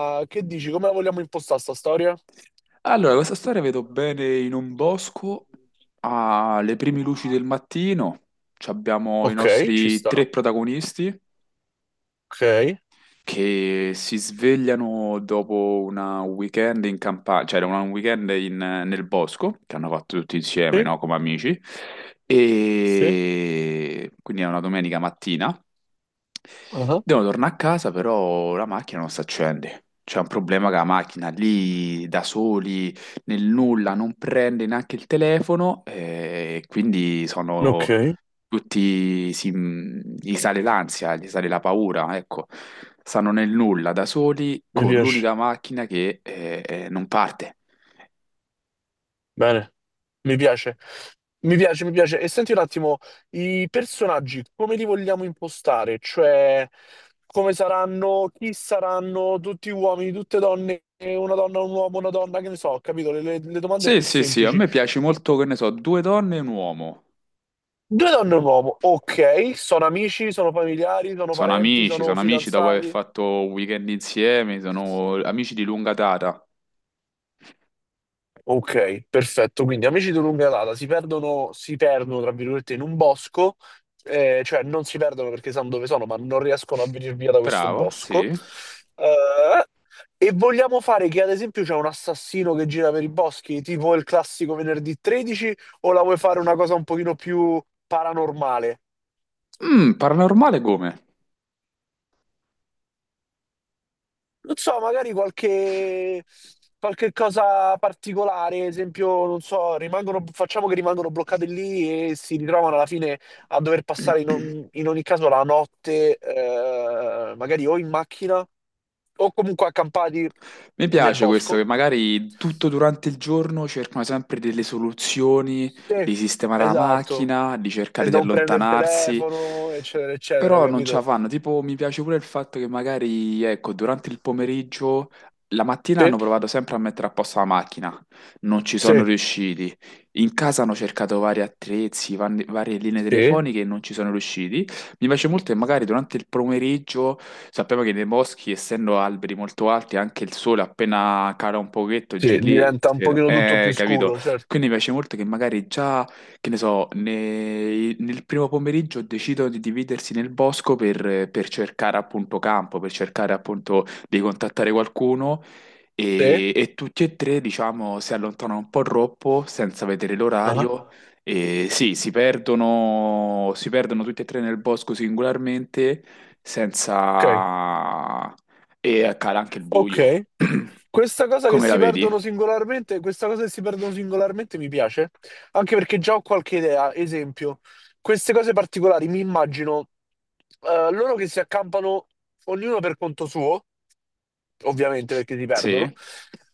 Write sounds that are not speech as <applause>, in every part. Ah, Gloria? Allora, questa storia vedo bene in un bosco, alle prime luci del mattino, ci abbiamo i Ok, nostri tre protagonisti ok, che si svegliano dopo un weekend in campagna, cioè un weekend nel bosco, che hanno fatto tutti insieme, sì, no? Come amici, sì, e quindi è una domenica mattina. ah, Devo tornare a casa, però la macchina non si accende. C'è un problema che la macchina lì da soli, nel nulla, non prende neanche il telefono e quindi sono ok, tutti, si, gli sale l'ansia, gli sale la paura, ecco. Stanno nel nulla da soli mi con piace, l'unica macchina che non parte. bene, mi piace, mi piace, mi piace. E senti un attimo, i personaggi come li vogliamo impostare? Cioè, come saranno, chi saranno, tutti uomini, tutte donne, una donna, un uomo, una donna, che ne so, capito? Le domande Sì, più sì, sì, a semplici. me piace molto, che ne so, due donne e un uomo. Due donne e un uomo, ok, sono amici, sono familiari, sono parenti, sono Sono amici dopo aver fidanzati. fatto un weekend insieme, sono amici di lunga data. Ok, perfetto. Quindi amici di lunga data si perdono, tra virgolette, in un bosco, cioè non si perdono perché sanno dove sono, ma non riescono a venire via da questo Bravo, bosco. sì. Eh, e vogliamo fare che, ad esempio, c'è un assassino che gira per i boschi, tipo il classico venerdì 13, o la vuoi fare una cosa un pochino più paranormale? Mm, paranormale come? Non so, qualche cosa particolare, esempio, non so, rimangono, facciamo che rimangono bloccate lì e si ritrovano alla fine a dover passare <clears throat> in ogni caso la notte, magari o in macchina o comunque accampati Mi nel piace questo bosco. che magari tutto durante il giorno cercano sempre delle soluzioni, Sì, di sistemare la esatto. macchina, di E cercare di non prendere il allontanarsi. telefono, eccetera, eccetera, Però non ce la capito? fanno, tipo mi piace pure il fatto che magari, ecco, durante il pomeriggio, la mattina hanno Sì, provato sempre a mettere a posto la macchina, non ci sono sì, riusciti, in casa hanno cercato vari attrezzi, varie linee sì, telefoniche e non ci sono riusciti. Mi piace molto che magari durante il pomeriggio, sappiamo che nei boschi, essendo alberi molto alti, anche il sole appena cala un pochetto, giù sì, lì, diventa un pochino tutto più capito? scuro, certo. Quindi mi piace molto che magari già che ne so, nel primo pomeriggio decidono di dividersi nel bosco per cercare appunto campo, per cercare appunto di contattare qualcuno Sì, e tutti e tre, diciamo, si allontanano un po' troppo senza vedere ah, l'orario e sì, si perdono tutti e tre nel bosco singolarmente ok. senza... e cala anche il buio. Ok, <clears throat> questa cosa che Come la si perdono vedi? singolarmente, questa cosa che si perdono singolarmente mi piace, anche perché già ho qualche idea, esempio, queste cose particolari mi immagino loro che si accampano ognuno per conto suo ovviamente perché si perdono. Sì,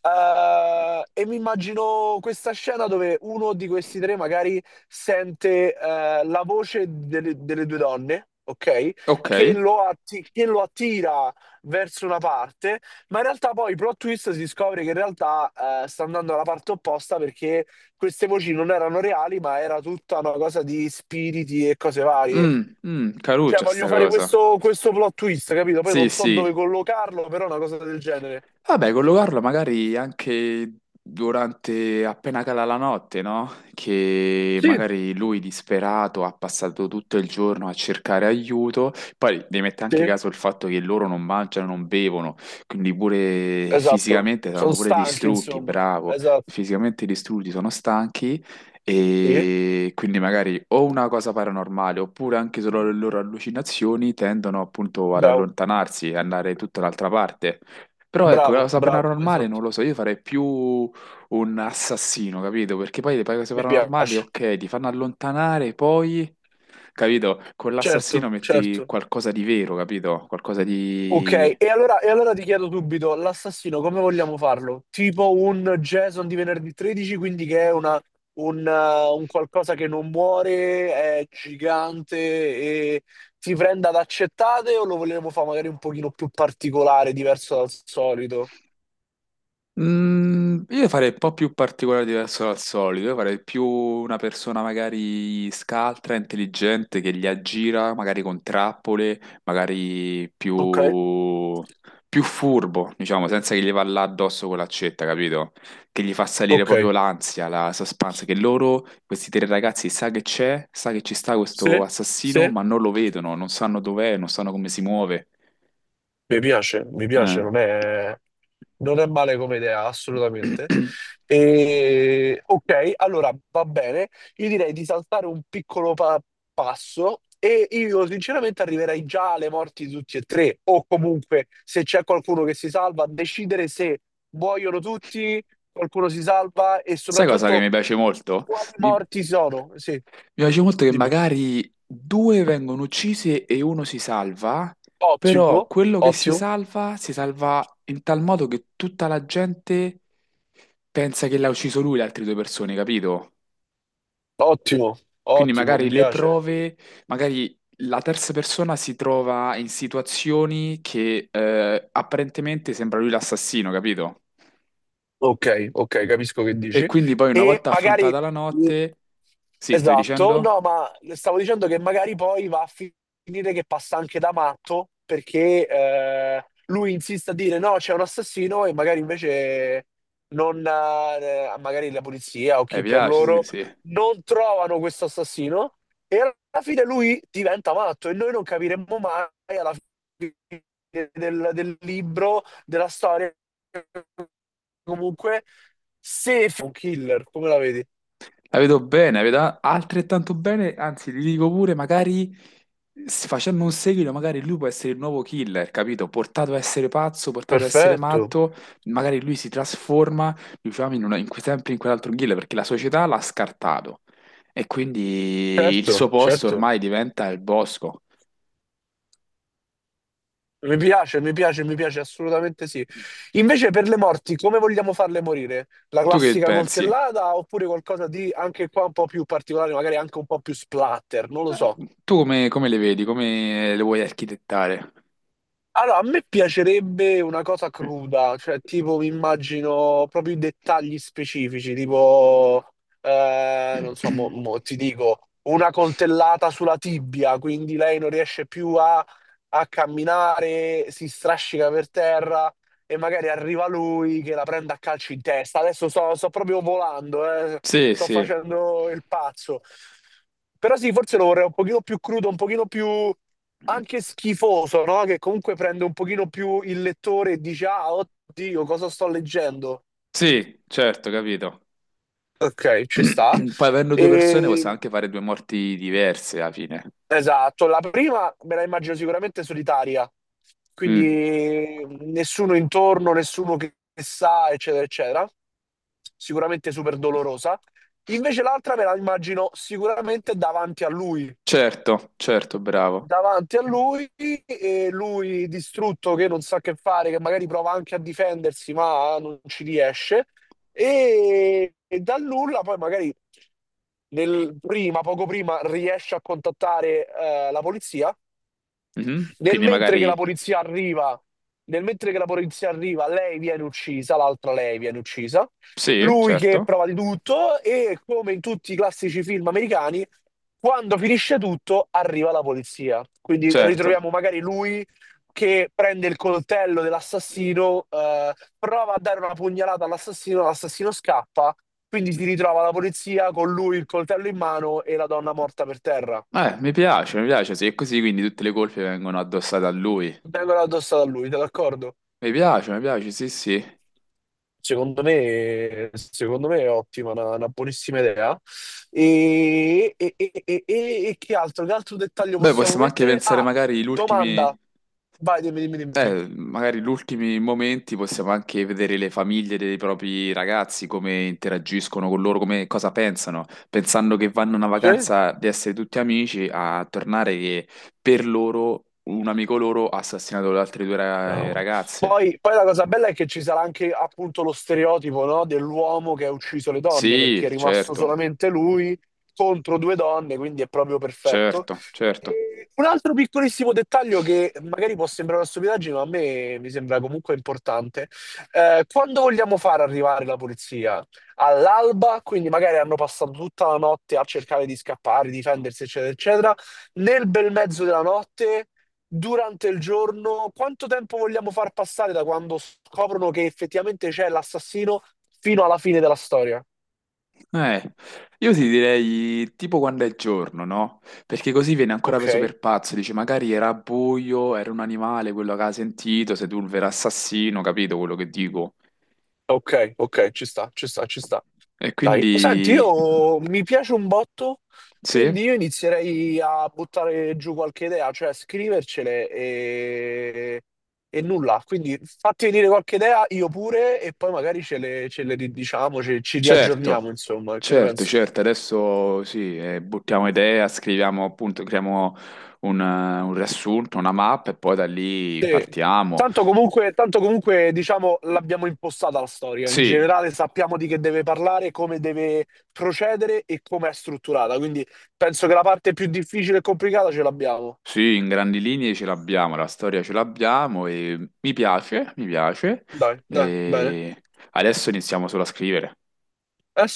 E mi immagino questa scena dove uno di questi tre magari sente la voce delle due donne, ok? ok. Che lo attira verso una parte, ma in realtà poi plot twist si scopre che in realtà sta andando alla parte opposta perché queste voci non erano reali, ma era tutta una cosa di spiriti e cose varie. Mm, mm, Cioè, caruccia voglio sta fare cosa. questo, questo plot twist, capito? Poi Sì, non so sì, dove collocarlo, però una cosa del genere. vabbè, collocarlo magari anche durante, appena cala la notte, no? Che Sì, magari lui disperato ha passato tutto il giorno a cercare aiuto. Poi devi mettere anche sì, caso il fatto che loro non mangiano, non bevono, quindi pure esatto. fisicamente Sono saranno pure stanchi, distrutti, insomma. bravo, Esatto. fisicamente distrutti, sono stanchi. Sì, E quindi magari o una cosa paranormale oppure anche solo le loro allucinazioni tendono appunto ad bravo, allontanarsi e andare tutta un'altra parte. Però ecco, la bravo, cosa bravo, paranormale non esatto. lo so, io farei più un assassino, capito? Perché poi le cose Mi paranormali, piace. ok, ti fanno allontanare, poi, capito? Con Certo, l'assassino certo. metti qualcosa di vero, capito? Qualcosa Ok, di... e allora ti chiedo subito, l'assassino come vogliamo farlo? Tipo un Jason di venerdì 13, quindi che è una- un qualcosa che non muore, è gigante e ti prende ad accettate o lo vogliamo fare magari un pochino più particolare, diverso dal solito? Mm, io farei un po' più particolare diverso dal solito, io farei più una persona magari scaltra, intelligente, che li aggira, magari con trappole, magari Ok, più, più furbo, diciamo, senza che gli va là addosso con l'accetta, capito? Che gli fa salire ok, proprio l'ansia, la suspense, che loro, questi tre ragazzi, sa che c'è, sa che ci sta sì, questo assassino, sì. ma non lo vedono, non sanno dov'è, non sanno come si muove. Mi piace, non è, non è male come idea, assolutamente. Eh. <clears throat> E, ok, allora va bene. Io direi di saltare un piccolo pa- passo e io sinceramente arriverei già alle morti di tutti e tre, o comunque se c'è qualcuno che si salva, a decidere se muoiono tutti, qualcuno si salva e Sai cosa che mi soprattutto piace molto? quali Mi morti sono. Sì, piace molto che dimmi. magari due vengono uccisi e uno si salva, Ottimo, però quello che ottimo, si salva in tal modo che tutta la gente pensa che l'ha ucciso lui, le altre due persone, capito? ottimo, Quindi ottimo, mi magari le piace. prove, magari la terza persona si trova in situazioni che apparentemente sembra lui l'assassino, capito? Ok, ok, capisco che E dici. quindi poi una E volta magari. affrontata la notte... Sì, stavi Esatto, dicendo? no, ma stavo dicendo che magari poi va a finire che passa anche da matto perché lui insiste a dire no, c'è un assassino e magari invece non, magari la polizia o Mi chi per piace, sì, loro sì. non trovano questo assassino e alla fine lui diventa matto e noi non capiremo mai alla fine del libro, della storia, comunque se è un killer, come la vedi? La vedo bene, la vedo altrettanto bene, anzi, ti dico pure, magari facendo un seguito, magari lui può essere il nuovo killer, capito? Portato a essere pazzo, portato a essere Perfetto. matto, magari lui si trasforma, diciamo, in sempre in quell'altro killer, perché la società l'ha scartato. E quindi il Certo, suo posto certo. ormai diventa il bosco. Mi piace, mi piace, mi piace, assolutamente sì. Invece per le morti, come vogliamo farle morire? La Tu che classica pensi? coltellata oppure qualcosa di anche qua un po' più particolare, magari anche un po' più splatter, non lo Eh, so. Tu come le vedi? Come le vuoi architettare? Allora, a me piacerebbe una cosa cruda, cioè tipo mi immagino proprio i dettagli specifici, tipo, non so, mo ti dico, una coltellata sulla tibia, quindi lei non riesce più a camminare, si strascica per terra e magari arriva lui che la prende a calci in testa. Adesso sto proprio volando, Sì, sto sì, facendo il pazzo. Però sì, forse lo vorrei un pochino più crudo, un pochino più anche schifoso, no? Che comunque prende un pochino più il lettore e dice, ah, oddio, cosa sto leggendo? sì, certo, capito. Ok, ci sta. <clears throat> Poi avendo due persone possiamo E anche fare due morti diverse alla fine. esatto, la prima me la immagino sicuramente solitaria, Mm, quindi nessuno intorno, nessuno che sa, eccetera, eccetera. Sicuramente super dolorosa. Invece l'altra me la immagino sicuramente certo, certo, bravo. davanti a lui e lui distrutto che non sa che fare, che magari prova anche a difendersi, ma non ci riesce. E dal nulla poi magari poco prima riesce a contattare la polizia Mhm, nel quindi mentre che la magari polizia arriva, nel mentre che la polizia arriva, lei viene uccisa, l'altra lei viene uccisa. sì, Lui che certo, prova di tutto e come in tutti i classici film americani, quando finisce tutto, arriva la polizia. Quindi certo. ritroviamo magari lui che prende il coltello dell'assassino, prova a dare una pugnalata all'assassino, l'assassino scappa, quindi si ritrova la polizia con lui il coltello in mano e la donna morta per terra. Mi piace, sì, è così quindi tutte le colpe vengono addossate a lui. Vengono addosso a lui, te d'accordo? Mi piace, sì, sì. Secondo me è ottima, una buonissima idea. E che altro? Che altro dettaglio Beh, possiamo possiamo anche mettere? pensare Ah, magari gli domanda. ultimi. Vai, dimmi, dimmi, dimmi. Magari gli ultimi momenti possiamo anche vedere le famiglie dei propri ragazzi, come interagiscono con loro, come, cosa pensano, pensando che vanno a una Sì? vacanza di essere tutti amici, a tornare che per loro un amico loro ha assassinato le altre due Bravo. ragazze. Poi, poi la cosa bella è che ci sarà anche appunto lo stereotipo, no, dell'uomo che ha ucciso le donne, perché Sì, è rimasto certo, solamente lui contro due donne, quindi è proprio perfetto. certo, certo. E un altro piccolissimo dettaglio che magari può sembrare una stupidaggine, ma a me mi sembra comunque importante. Quando vogliamo far arrivare la polizia? All'alba, quindi magari hanno passato tutta la notte a cercare di scappare, difendersi, eccetera, eccetera. Nel bel mezzo della notte durante il giorno, quanto tempo vogliamo far passare da quando scoprono che effettivamente c'è l'assassino fino alla fine della storia? Eh, io ti direi tipo quando è giorno, no? Perché così viene ancora preso Ok, per pazzo, dice magari era buio, era un animale, quello che ha sentito, Sedulvero assassino, capito quello che dico? ok, ok, ci sta, ci sta, ci sta. E Dai, senti, quindi io mi piace un botto, sì, quindi io inizierei a buttare giù qualche idea, cioè scrivercele e nulla. Quindi fatti venire qualche idea, io pure, e poi magari ce le ridiciamo, ci riaggiorniamo, certo, insomma, che ne certo, pensi? certo, adesso sì, buttiamo idea, scriviamo appunto, creiamo un riassunto, una mappa e poi da lì Sì. partiamo. Tanto comunque, diciamo, l'abbiamo impostata la storia. In Sì, generale sappiamo di che deve parlare, come deve procedere e come è strutturata. Quindi penso che la parte più difficile e complicata ce l'abbiamo. sì, in grandi linee ce l'abbiamo, la storia ce l'abbiamo e mi piace, mi piace. Dai, dai, bene. E adesso iniziamo solo a scrivere. Eh sì.